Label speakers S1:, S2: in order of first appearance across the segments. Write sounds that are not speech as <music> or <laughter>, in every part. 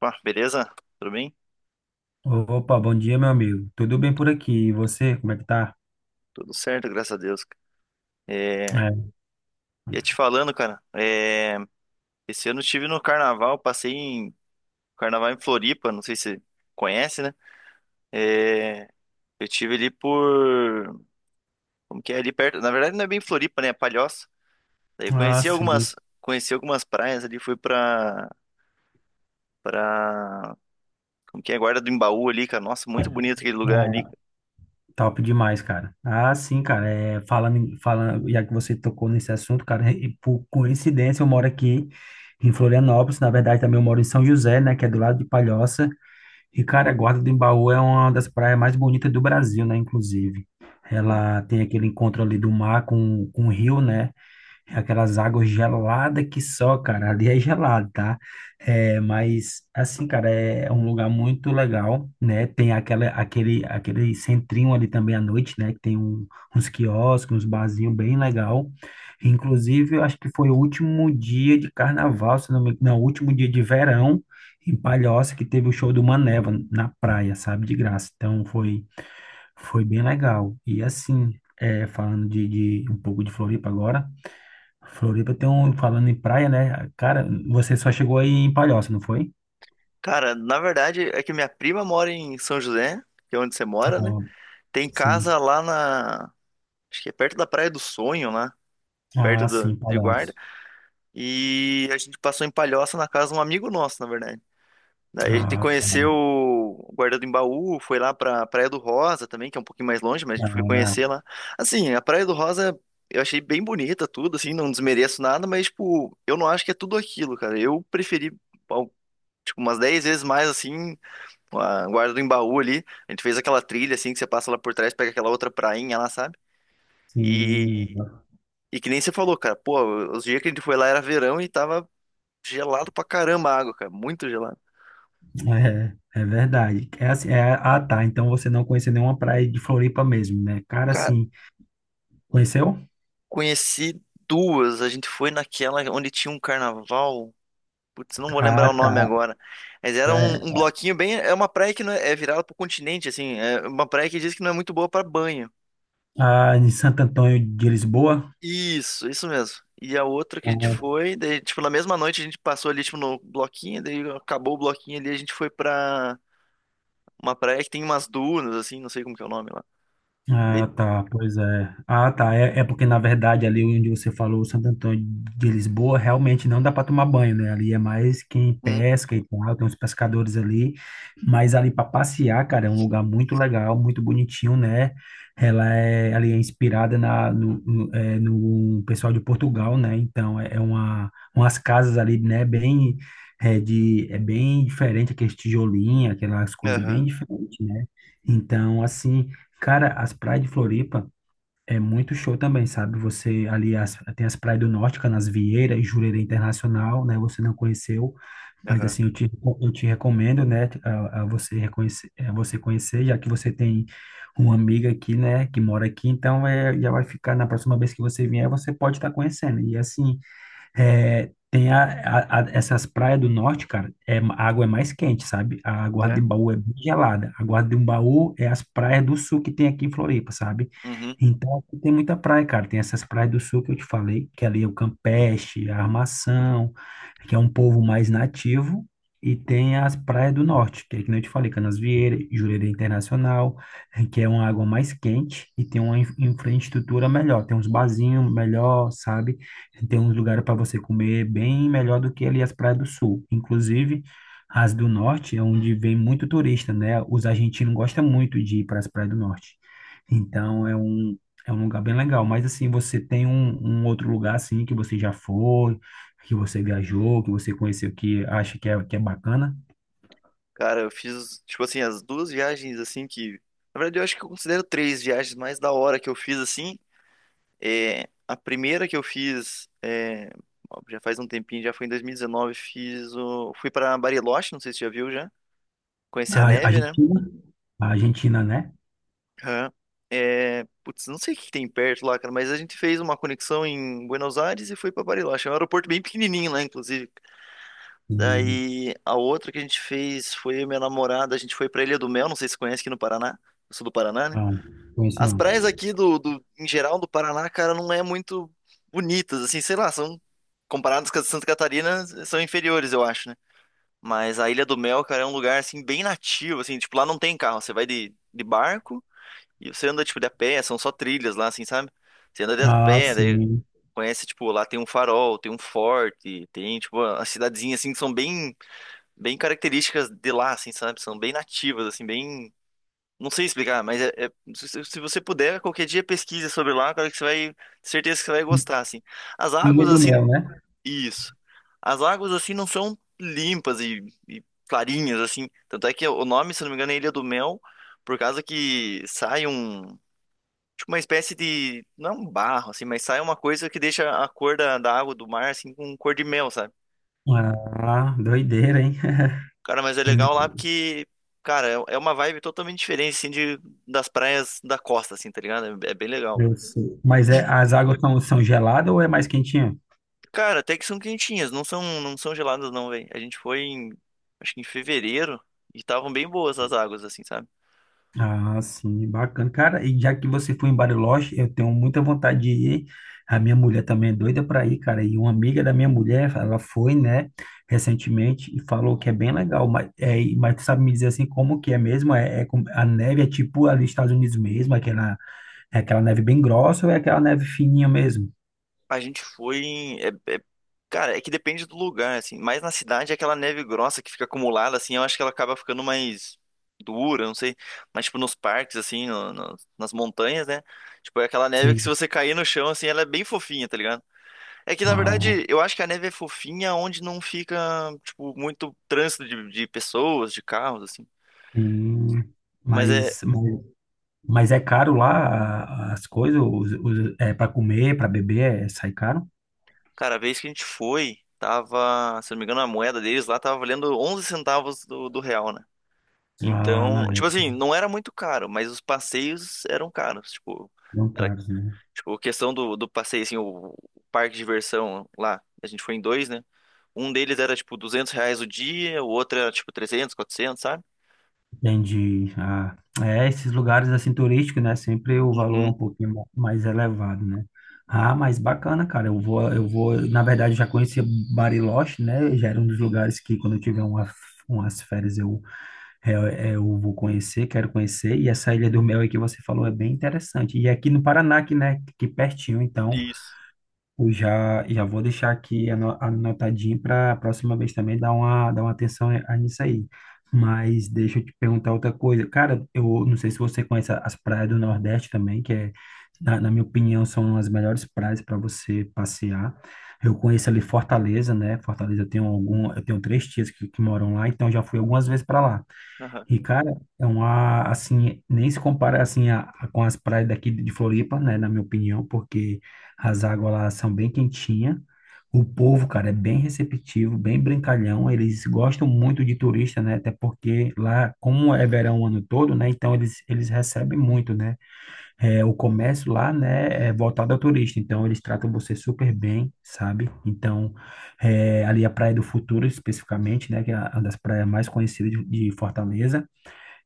S1: Pá, beleza? Tudo bem?
S2: Opa, bom dia, meu amigo. Tudo bem por aqui? E você, como é que tá?
S1: Tudo certo, graças a Deus. É,
S2: É.
S1: ia te falando, cara, esse ano eu estive no carnaval, passei em carnaval em Floripa, não sei se você conhece, né? É, eu tive ali por, como que é, ali perto, na verdade não é bem Floripa, né, é Palhoça. Daí eu
S2: Ah, sim.
S1: conheci algumas praias ali, fui pra como que é, Guarda do Embaú ali, cara, nossa, muito bonito aquele lugar ali.
S2: Ah, top demais, cara. Ah, sim, cara. É, falando, já que você tocou nesse assunto, cara, e por coincidência eu moro aqui em Florianópolis. Na verdade, também eu moro em São José, né, que é do lado de Palhoça. E, cara, a Guarda do Embaú é uma das praias mais bonitas do Brasil, né, inclusive. Ela tem aquele encontro ali do mar com o rio, né? É aquelas águas geladas que só, cara, ali é gelado, tá? É, mas, assim, cara, é um lugar muito legal, né? Tem aquele centrinho ali também à noite, né? Que tem uns quiosques, uns barzinhos bem legal. Inclusive, eu acho que foi o último dia de carnaval, se não me engano, não, o último dia de verão em Palhoça, que teve o show do Maneva na praia, sabe? De graça. Então, foi bem legal. E, assim, é, falando de um pouco de Floripa agora. Floripa tem um, falando em praia, né? Cara, você só chegou aí em Palhoça, não foi?
S1: Cara, na verdade é que minha prima mora em São José, que é onde você mora, né?
S2: Ah,
S1: Tem casa
S2: sim.
S1: lá na, acho que é perto da Praia do Sonho, lá,
S2: Ah,
S1: perto
S2: sim,
S1: de Guarda.
S2: Palhoça.
S1: E a gente passou em Palhoça na casa de um amigo nosso, na verdade. Daí a gente
S2: Ah,
S1: conheceu
S2: tá.
S1: o Guarda do Embaú, foi lá pra Praia do Rosa também, que é um pouquinho mais longe, mas a gente foi
S2: Ah,
S1: conhecer lá. Assim, a Praia do Rosa eu achei bem bonita tudo, assim, não desmereço nada, mas, tipo, eu não acho que é tudo aquilo, cara. Eu preferi, ao- tipo, umas 10 vezes mais, assim, a Guarda do Embaú ali. A gente fez aquela trilha, assim, que você passa lá por trás, pega aquela outra prainha lá, sabe?
S2: sim.
S1: E que nem você falou, cara, pô, os dias que a gente foi lá era verão e tava gelado pra caramba a água, cara, muito gelado.
S2: É verdade. É assim, é, ah, tá. Então você não conheceu nenhuma praia de Floripa mesmo, né? Cara,
S1: Cara,
S2: assim, conheceu?
S1: conheci duas, a gente foi naquela onde tinha um carnaval, putz, não vou lembrar
S2: Ah,
S1: o
S2: tá.
S1: nome agora, mas era um
S2: É,
S1: bloquinho bem, é uma praia que não é, é virada pro continente, assim, é uma praia que diz que não é muito boa pra banho.
S2: ah, em Santo Antônio de Lisboa?
S1: Isso mesmo. E a outra que a gente
S2: Ah,
S1: foi, daí, tipo, na mesma noite a gente passou ali, tipo, no bloquinho, daí acabou o bloquinho ali, a gente foi pra uma praia que tem umas dunas, assim, não sei como que é o nome lá. Daí,
S2: Ah, tá, pois é. Ah, tá. É, é porque, na verdade, ali onde você falou, Santo Antônio de Lisboa, realmente não dá para tomar banho, né? Ali é mais quem pesca e tal, tem uns pescadores ali. Mas ali para passear, cara, é um lugar muito legal, muito bonitinho, né? Ali é inspirada na, no, no, é, no pessoal de Portugal, né? Então, umas casas ali, né? Bem, é bem diferente, aqueles tijolinhos, aquelas coisas bem
S1: aham,
S2: diferentes, né? Então, assim. Cara, as praias de Floripa é muito show também, sabe? Você ali as- tem as praias do Norte, Canasvieira e Jurerê Internacional, né? Você não conheceu, mas
S1: aham.
S2: assim, eu te recomendo, né? A você conhecer, já que você tem uma amiga aqui, né? Que mora aqui, então é, já vai ficar na próxima vez que você vier, você pode estar conhecendo. E assim, é, tem essas praias do norte, cara, é, a água é mais quente, sabe? A água
S1: É.
S2: de Baú é bem gelada. A água de Baú é as praias do sul que tem aqui em Floripa, sabe?
S1: Uhum.
S2: Então, aqui tem muita praia, cara. Tem essas praias do sul que eu te falei, que ali é o Campeche, a Armação, que é um povo mais nativo. E tem as praias do norte, que é que nem eu te falei, Canasvieira, Jurerê Internacional, que é uma água mais quente e tem uma infraestrutura melhor. Tem uns barzinhos melhor, sabe? Tem uns lugares para você comer bem melhor do que ali as praias do sul. Inclusive, as do norte é onde vem muito turista, né? Os argentinos gostam muito de ir para as praias do norte. Então, é um lugar bem legal. Mas, assim, você tem um, um outro lugar, assim, que você já foi, que você viajou, que você conheceu, que acha que é bacana?
S1: Cara, eu fiz, tipo assim, as duas viagens assim que. Na verdade, eu acho que eu considero três viagens mais da hora que eu fiz assim. É, a primeira que eu fiz é, ó, já faz um tempinho, já foi em 2019, fiz o. Fui pra Bariloche, não sei se você já viu já. Conheci a
S2: A
S1: neve, né?
S2: Argentina? A Argentina, né?
S1: Aham. É, putz, não sei o que tem perto lá, cara, mas a gente fez uma conexão em Buenos Aires e foi pra Bariloche. É um aeroporto bem pequenininho lá, inclusive.
S2: Hum,
S1: Daí a outra que a gente fez foi eu e minha namorada, a gente foi pra Ilha do Mel, não sei se você conhece aqui no Paraná. Eu sou do Paraná, né?
S2: não, conheço
S1: As
S2: não.
S1: praias aqui do em geral do Paraná, cara, não é muito bonitas, assim, sei lá, são comparadas com as de Santa Catarina, são inferiores, eu acho, né? Mas a Ilha do Mel, cara, é um lugar assim bem nativo, assim, tipo, lá não tem carro, você vai de barco e você anda tipo de a pé, são só trilhas lá, assim, sabe? Você anda de a
S2: Ah,
S1: pé, daí
S2: sim.
S1: conhece, tipo, lá tem um farol, tem um forte, tem tipo a cidadezinha assim que são bem características de lá, assim, sabe? São bem nativas, assim, bem. Não sei explicar, mas é, se você puder, qualquer dia pesquisa sobre lá, cara, que você vai. Certeza que você vai gostar, assim. As
S2: Ilha
S1: águas,
S2: do
S1: assim.
S2: Mel, né?
S1: Isso. As águas, assim, não são limpas e clarinhas, assim. Tanto é que o nome, se não me engano, é Ilha do Mel, por causa que sai um. Tipo, uma espécie de. Não é um barro, assim, mas sai uma coisa que deixa a cor da água do mar, assim, com cor de mel, sabe?
S2: Ah, doideira, hein?
S1: Cara, mas é legal lá
S2: <laughs>
S1: porque, cara, é uma vibe totalmente diferente, assim, de, das praias da costa, assim, tá ligado? É, é bem legal.
S2: Eu sei. Mas é, as águas são, são geladas ou é mais quentinha?
S1: Cara, até que são quentinhas, não são geladas não, velho. A gente foi em, acho que em fevereiro e estavam bem boas as águas, assim, sabe?
S2: Ah, sim, bacana. Cara, e já que você foi em Bariloche, eu tenho muita vontade de ir. A minha mulher também é doida para ir, cara. E uma amiga da minha mulher, ela foi, né, recentemente e falou que é bem legal. Mas, é, mas tu sabe me dizer assim como que é mesmo? A neve é tipo ali nos Estados Unidos mesmo, aquela, é aquela neve bem grossa ou é aquela neve fininha mesmo?
S1: A gente foi em, é- cara, é que depende do lugar, assim. Mas na cidade, é aquela neve grossa que fica acumulada, assim, eu acho que ela acaba ficando mais dura, não sei. Mas, tipo, nos parques, assim, nas montanhas, né? Tipo, é aquela neve que se
S2: Sim.
S1: você cair no chão, assim, ela é bem fofinha, tá ligado? É que, na
S2: Não,
S1: verdade, eu acho que a neve é fofinha onde não fica, tipo, muito trânsito de pessoas, de carros, assim.
S2: sim.
S1: Mas é,
S2: Mas, mas Mas é caro lá a- as coisas, os, é para comer, para beber, é, sai caro?
S1: cara, a vez que a gente foi, tava, se não me engano, a moeda deles lá tava valendo 11 centavos do real, né?
S2: Ah, na
S1: Então, tipo
S2: época,
S1: assim, não era muito caro, mas os passeios eram caros. Tipo,
S2: não
S1: era,
S2: caros, né?
S1: tipo, questão do passeio, assim, o parque de diversão lá, a gente foi em dois, né? Um deles era, tipo, 200 reais o dia, o outro era, tipo, trezentos, quatrocentos, sabe?
S2: Entendi. Ah, é, esses lugares assim turísticos, né? Sempre o valor é um
S1: Uhum,
S2: pouquinho mais elevado, né? Ah, mas bacana, cara. Na verdade, eu já conhecia Bariloche, né? Já era um dos lugares que quando eu tiver umas férias eu, eu vou conhecer, quero conhecer. E essa Ilha do Mel aí que você falou é bem interessante. E aqui no Paraná, que, né, que pertinho, então.
S1: isso.
S2: Eu já, já vou deixar aqui anotadinho para a próxima vez também dar uma atenção a nisso aí. Mas deixa eu te perguntar outra coisa. Cara, eu não sei se você conhece as praias do Nordeste também, que é, na, na minha opinião, são as melhores praias para você passear. Eu conheço ali Fortaleza, né? Fortaleza eu tenho três tias que moram lá, então já fui algumas vezes para lá. E, cara, é uma, assim, nem se compara, assim, com as praias daqui de Floripa, né, na minha opinião, porque as águas lá são bem quentinhas. O povo, cara, é bem receptivo, bem brincalhão. Eles gostam muito de turista, né, até porque lá, como é verão o ano todo, né, então eles recebem muito, né. É, o comércio lá, né, é voltado ao turista, então eles tratam você super bem, sabe? Então, é, ali a Praia do Futuro, especificamente, né, que é uma das praias mais conhecidas de Fortaleza,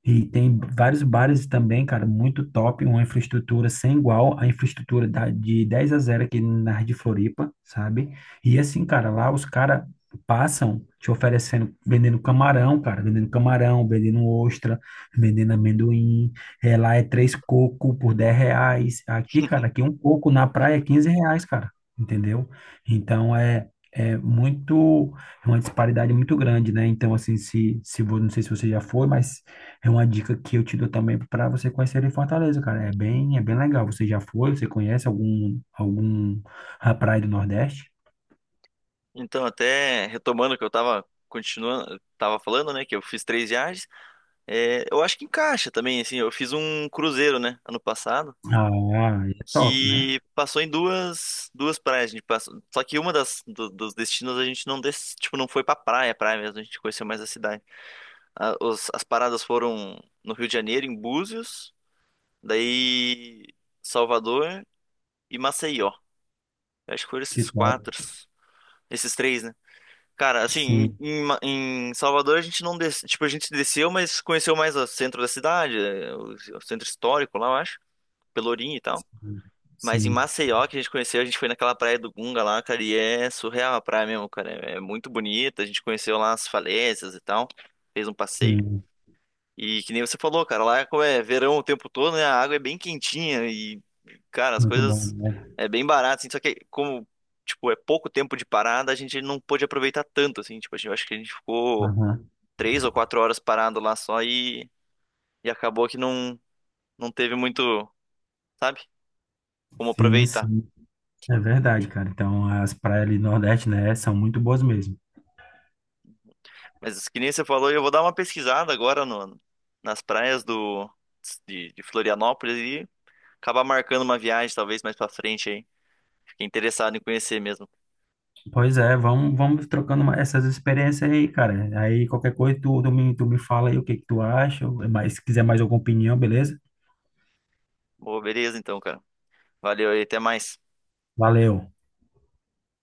S2: e tem vários bares também, cara, muito top, uma infraestrutura sem igual, a infraestrutura da, de 10 a zero aqui na área de Floripa, sabe? E assim, cara, lá os caras passam te oferecendo, vendendo camarão, cara, vendendo camarão, vendendo ostra, vendendo amendoim, é, lá é três coco por R$ 10, aqui, cara, aqui um coco na praia é R$ 15, cara, entendeu? Então, é... É muito, é uma disparidade muito grande, né? Então, assim, se, vo- não sei se você já foi, mas é uma dica que eu te dou também para você conhecer em Fortaleza, cara. É bem legal. Você já foi? Você conhece algum a praia do Nordeste?
S1: Então, até retomando o que eu tava continuando, tava falando, né, que eu fiz três viagens, é, eu acho que encaixa também, assim, eu fiz um cruzeiro, né, ano passado,
S2: Ah, é top, né?
S1: que passou em duas, duas praias, a gente passou, só que uma das, do- dos destinos a gente não, des, tipo, não foi pra praia, praia mesmo, a gente conheceu mais a cidade. A- os- as paradas foram no Rio de Janeiro, em Búzios, daí Salvador e Maceió. Eu acho que foram
S2: Que
S1: esses
S2: top.
S1: quatro, esses três, né? Cara, assim,
S2: Sim,
S1: em, em Salvador a gente não des... tipo, a gente desceu, mas conheceu mais o centro da cidade, eh, o centro histórico lá, eu acho, Pelourinho e tal. Mas em
S2: sim,
S1: Maceió, que a gente conheceu, a gente foi naquela praia do Gunga lá, cara, e é surreal a praia mesmo, cara. É, é muito bonita, a gente conheceu lá as falésias e tal, fez um passeio.
S2: sim.
S1: E que nem você falou, cara, lá é como é verão o tempo todo, né? A água é bem quentinha e, cara, as
S2: Muito bom,
S1: coisas
S2: né?
S1: é bem barato, assim, só que como, tipo, é pouco tempo de parada, a gente não pôde aproveitar tanto, assim, tipo, a gente, eu acho que a gente ficou
S2: Aham.
S1: três ou quatro horas parado lá só e acabou que não, não teve muito, sabe, como
S2: Sim,
S1: aproveitar.
S2: sim. É verdade, cara. Então, as praias ali do Nordeste, né, são muito boas mesmo.
S1: Mas que nem você falou, eu vou dar uma pesquisada agora no, nas praias do, de Florianópolis e acabar marcando uma viagem, talvez, mais pra frente aí. Fiquei interessado em conhecer mesmo.
S2: Pois é, vamos, vamos trocando essas experiências aí, cara. Aí, qualquer coisa, tu me fala aí o que que tu acha. Mas, se quiser mais alguma opinião, beleza?
S1: Pô, beleza então, cara. Valeu aí, até mais.
S2: Valeu.